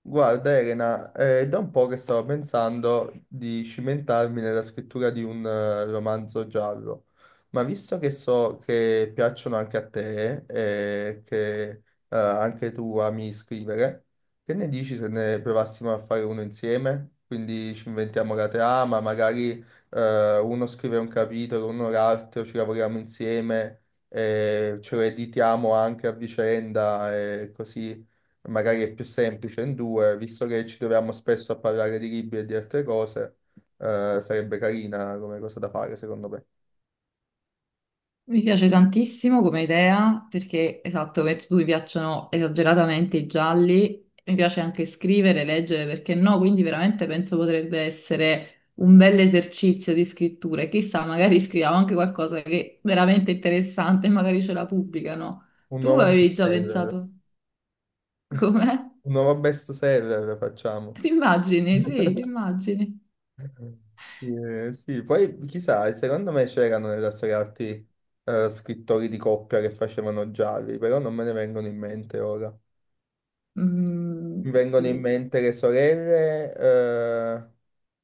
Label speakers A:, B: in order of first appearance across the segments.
A: Guarda Elena, è da un po' che stavo pensando di cimentarmi nella scrittura di un romanzo giallo, ma visto che so che piacciono anche a te e che anche tu ami scrivere, che ne dici se ne provassimo a fare uno insieme? Quindi ci inventiamo la trama, magari uno scrive un capitolo, uno l'altro, ci lavoriamo insieme, e ce lo editiamo anche a vicenda e così magari è più semplice in due, visto che ci troviamo spesso a parlare di libri e di altre cose, sarebbe carina come cosa da fare, secondo me.
B: Mi piace tantissimo come idea perché, esatto, come hai detto tu mi piacciono esageratamente i gialli, mi piace anche scrivere, leggere, perché no? Quindi veramente penso potrebbe essere un bel esercizio di scrittura. E chissà, magari scriviamo anche qualcosa che è veramente interessante e magari ce la pubblicano.
A: Un
B: Tu
A: nuovo
B: avevi già
A: bestseller,
B: pensato com'è?
A: un nuovo bestseller facciamo.
B: Ti immagini, sì, ti immagini.
A: Sì, poi chissà, secondo me c'erano nella storia arti scrittori di coppia che facevano gialli, però non me ne vengono in mente ora.
B: Mm,
A: Mi vengono in mente le sorelle,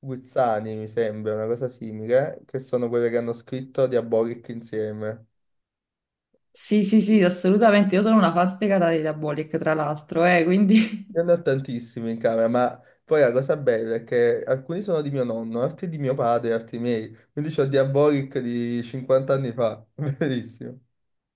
A: Guzzani, mi sembra, una cosa simile, che sono quelle che hanno scritto Diabolic insieme.
B: sì, sì, sì, assolutamente. Io sono una fan spiegata di Diabolic, tra l'altro, quindi...
A: Io ne ho tantissimi in camera, ma poi la cosa bella è che alcuni sono di mio nonno, altri di mio padre, altri miei. Quindi c'ho Diabolic di 50 anni fa, bellissimo.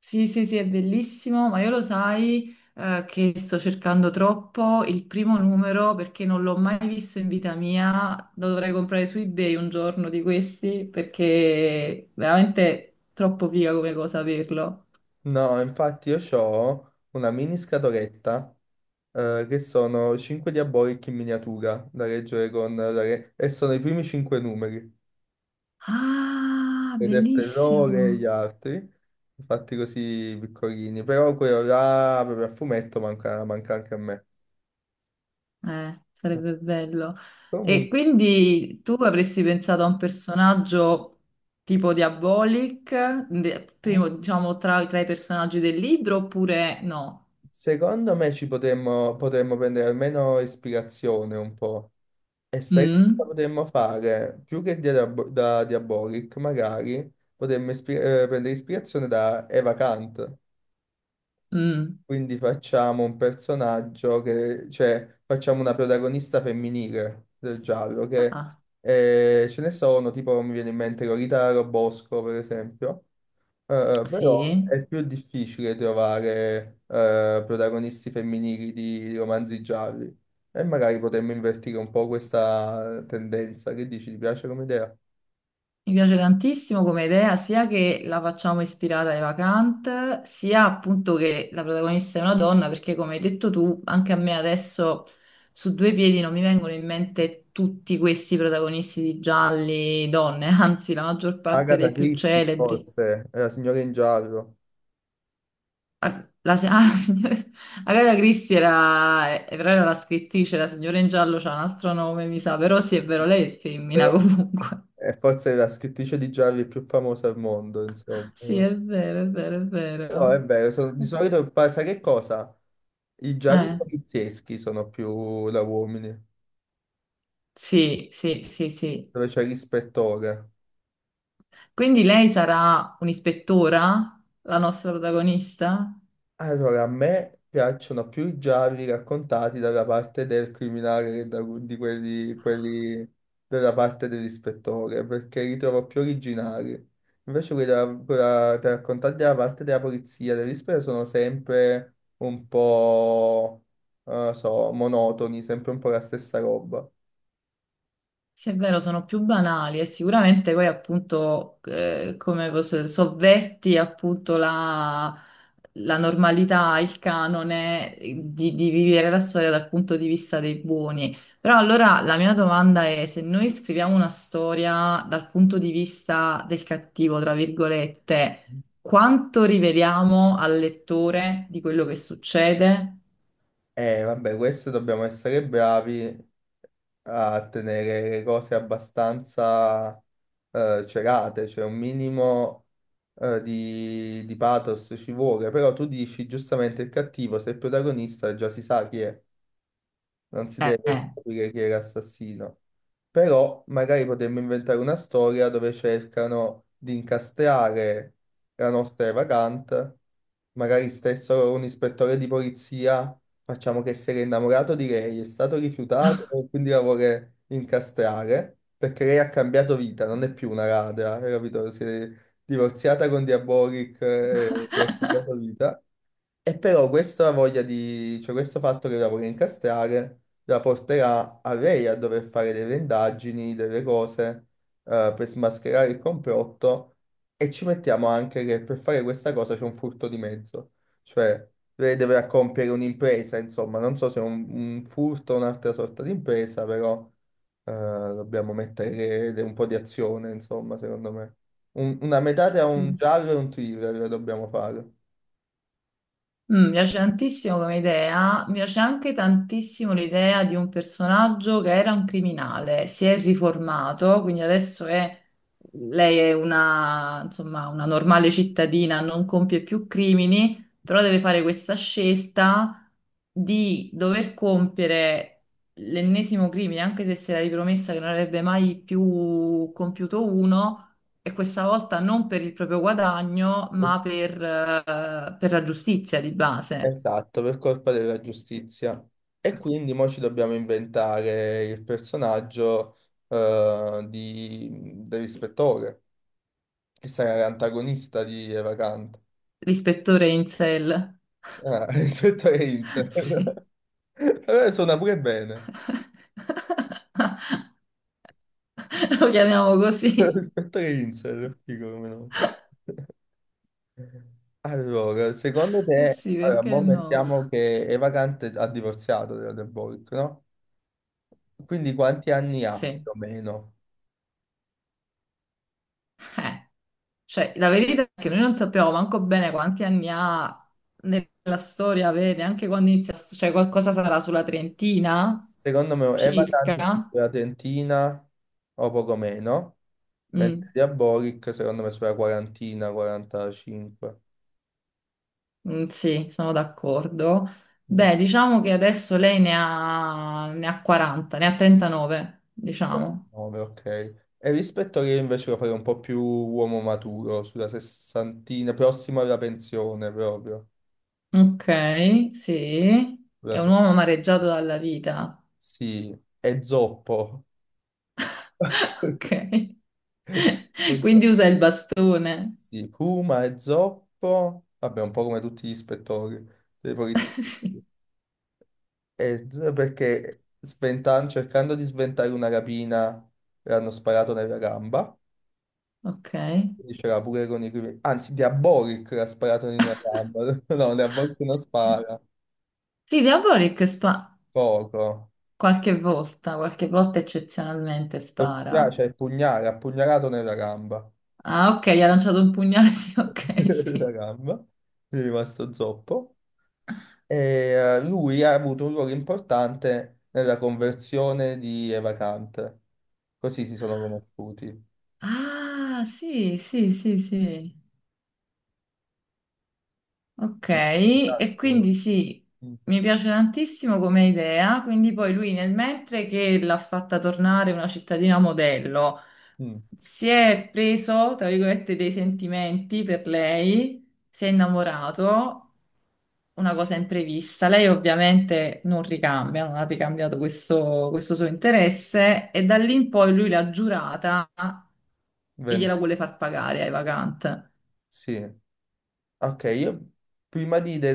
B: Sì, sì, sì, è bellissimo, ma io lo sai, che sto cercando troppo il primo numero perché non l'ho mai visto in vita mia. Lo dovrei comprare su eBay un giorno di questi perché veramente troppo figa come cosa averlo.
A: No, infatti io ho una mini scatoletta che sono 5 Diabolic in miniatura da leggere con... e sono i primi 5 numeri.
B: Ah,
A: Vedertelo loro
B: bellissimo.
A: e gli altri, fatti così piccolini, però quello là proprio a fumetto manca, manca anche a me.
B: Sarebbe bello. E
A: Comunque,
B: quindi tu avresti pensato a un personaggio tipo Diabolic,
A: Eh.
B: primo, diciamo, tra i personaggi del libro oppure no?
A: secondo me ci potremmo, potremmo prendere almeno ispirazione un po'. E sai che cosa
B: Mm,
A: potremmo fare? Più che da Diabolic, magari prendere ispirazione da Eva Kant.
B: mm.
A: Quindi facciamo un personaggio che, cioè, facciamo una protagonista femminile del giallo, che
B: Ah,
A: ce ne sono, tipo mi viene in mente Lolita Robosco, per esempio. Eh, però
B: sì,
A: è più difficile trovare protagonisti femminili di romanzi gialli. E magari potremmo invertire un po' questa tendenza. Che dici, ti piace come idea?
B: mi piace tantissimo come idea, sia che la facciamo ispirata ai vacant, sia appunto che la protagonista è una donna, perché come hai detto tu, anche a me adesso su due piedi non mi vengono in mente tutti questi protagonisti di gialli donne, anzi la maggior parte dei
A: Agatha
B: più
A: Christie,
B: celebri.
A: forse, è la signora in giallo,
B: Ah, la, ah, la signora Agatha Christie era, però era la scrittrice, la signora in giallo c'ha un altro nome, mi sa, però sì, è vero, lei è femmina comunque.
A: è forse la scrittrice di gialli più famosa al mondo, insomma.
B: Sì, è vero, è vero, è
A: Però
B: vero.
A: è vero, di solito sai che cosa? I gialli
B: Eh,
A: polizieschi sono più da uomini,
B: sì, sì, sì, sì.
A: dove c'è l'ispettore.
B: Quindi lei sarà un'ispettora, la nostra protagonista?
A: Allora, a me piacciono più i gialli raccontati dalla parte del criminale che di quelli, quelli della parte dell'ispettore, perché li trovo più originali. Invece quelli della- quella- da raccontati dalla parte della polizia, dell'ispettore, sono sempre un po', non lo so, monotoni, sempre un po' la stessa roba.
B: Sì, è vero, sono più banali e sicuramente poi appunto sovverti appunto la normalità, il canone di vivere la storia dal punto di vista dei buoni. Però allora la mia domanda è se noi scriviamo una storia dal punto di vista del cattivo, tra virgolette, quanto riveliamo al lettore di quello che succede?
A: E vabbè, questo dobbiamo essere bravi a tenere le cose abbastanza celate, cioè un minimo di pathos ci vuole, però tu dici giustamente il cattivo, se è il protagonista già si sa chi è, non si deve
B: Eh.
A: scoprire chi era l'assassino. Però magari potremmo inventare una storia dove cercano di incastrare la nostra evagante, magari stesso un ispettore di polizia, facciamo che si era innamorato di lei, è stato rifiutato, quindi la vuole incastrare, perché lei ha cambiato vita, non è più una ladra, hai capito? Si è divorziata con Diabolic e ha cambiato vita. E però questa voglia di, cioè questo fatto che la vuole incastrare la porterà a lei a dover fare delle indagini, delle cose per smascherare il complotto, e ci mettiamo anche che per fare questa cosa c'è un furto di mezzo, cioè lei deve compiere un'impresa, insomma, non so se è un furto o un'altra sorta di impresa, però dobbiamo mettere un po' di azione, insomma, secondo me. Una metà tra un giallo e un thriller la dobbiamo fare.
B: Mm, mi piace tantissimo come idea, mi piace anche tantissimo l'idea di un personaggio che era un criminale, si è riformato, quindi adesso è, lei è una, insomma, una normale cittadina, non compie più crimini, però deve fare questa scelta di dover compiere l'ennesimo crimine, anche se si era ripromessa che non avrebbe mai più compiuto uno e questa volta non per il proprio guadagno, ma per la giustizia di base.
A: Esatto, per colpa della giustizia. E quindi mo ci dobbiamo inventare il personaggio dell'ispettore, che sarà l'antagonista di Eva Kant.
B: L'ispettore Insel,
A: Ah, ispettore Insel.
B: sì,
A: Allora suona pure bene.
B: lo chiamiamo così.
A: Ispettore Insel, figo come nome. Allora, secondo
B: Eh
A: te,
B: sì,
A: allora,
B: perché
A: mo
B: no?
A: mettiamo che Eva Kant ha divorziato della De Borg, no? Quindi quanti anni ha
B: Sì,
A: più o meno?
B: eh. Cioè, la verità è che noi non sappiamo manco bene quanti anni ha nella storia, vedi, anche quando inizia, cioè qualcosa sarà sulla trentina,
A: Secondo me è vacante
B: circa.
A: sulla trentina o poco meno,
B: Mm.
A: mentre Diabolic secondo me sulla quarantina, 45.
B: Mm, sì, sono d'accordo.
A: Mm.
B: Beh, diciamo che adesso lei ne ha, ne ha 40, ne ha 39, diciamo.
A: Nove, ok. E rispetto a che invece lo farei un po' più uomo maturo, sulla sessantina, prossimo alla pensione proprio.
B: Ok, sì.
A: Sulla
B: È un
A: se-
B: uomo amareggiato dalla vita.
A: Sì, è zoppo.
B: Ok.
A: Un
B: Quindi
A: po'.
B: usa il bastone.
A: Sì, Kuma è zoppo, vabbè, un po' come tutti gli ispettori dei poliziotti.
B: Sì,
A: Eh, perché cercando di sventare una rapina le hanno sparato nella gamba,
B: ok.
A: quindi c'era pure con i primi... Anzi, Diabolic l'ha sparato in una gamba, no, Diabolic non spara,
B: Sì, Diabolik spa
A: poco.
B: qualche volta eccezionalmente spara.
A: Cioè, pugnale, ha pugnalato nella gamba.
B: Ah, ok, gli ha lanciato un pugnale, sì, ok,
A: La
B: sì.
A: gamba, gli è rimasto zoppo. E lui ha avuto un ruolo importante nella conversione di Eva Kant. Così si sono conosciuti.
B: Ah, sì, sì, sì, sì. Ok,
A: Sì, sì,
B: e
A: sì.
B: quindi sì,
A: Mm.
B: mi piace tantissimo come idea, quindi poi lui nel mentre che l'ha fatta tornare una cittadina modello,
A: Mm.
B: si è preso, tra virgolette, dei sentimenti per lei, si è innamorato, una cosa imprevista, lei ovviamente non ricambia, non ha ricambiato questo, questo suo interesse e da lì in poi lui l'ha giurata e gliela
A: Vende-
B: vuole far pagare ai vacant.
A: Sì, ok, io prima di, de-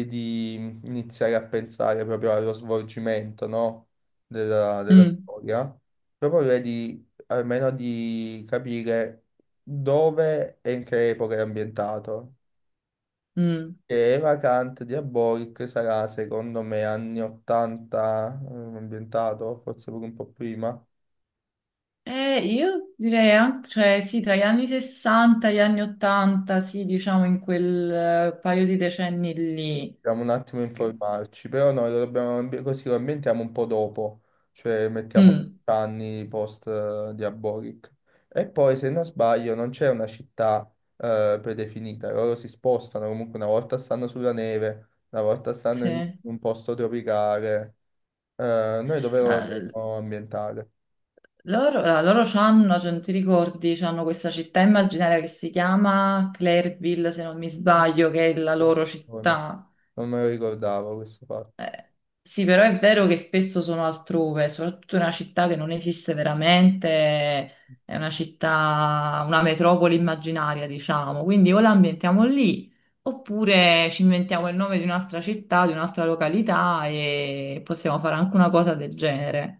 A: i- di iniziare a pensare proprio allo svolgimento, no, della, della
B: Mm,
A: storia, proporrei di, almeno di capire dove e in che epoca è ambientato.
B: mm.
A: Che Eva Kant di Aboric sarà, secondo me, anni 80 ambientato, forse pure un po' prima.
B: Io direi anche, cioè sì, tra gli anni 60 e gli anni 80, sì, diciamo in quel paio di decenni lì.
A: Dobbiamo un attimo
B: Che-
A: informarci, però noi lo dobbiamo, così lo ambientiamo un po' dopo, cioè mettiamo
B: Mm,
A: anni post Diabolic. E poi, se non sbaglio, non c'è una città predefinita, loro si spostano, comunque una volta stanno sulla neve, una volta stanno
B: sì.
A: in un posto tropicale. Noi dove lo dovremmo ambientare?
B: Loro c'hanno, cioè, non ti ricordi, c'hanno questa città immaginaria che si chiama Clairville, se non mi sbaglio, che è la loro
A: Non
B: città.
A: non me lo ricordavo questo fatto.
B: Eh, sì, però è vero che spesso sono altrove, soprattutto in una città che non esiste veramente, è una città, una metropoli immaginaria, diciamo. Quindi o la ambientiamo lì, oppure ci inventiamo il nome di un'altra città, di un'altra località e possiamo fare anche una cosa del genere.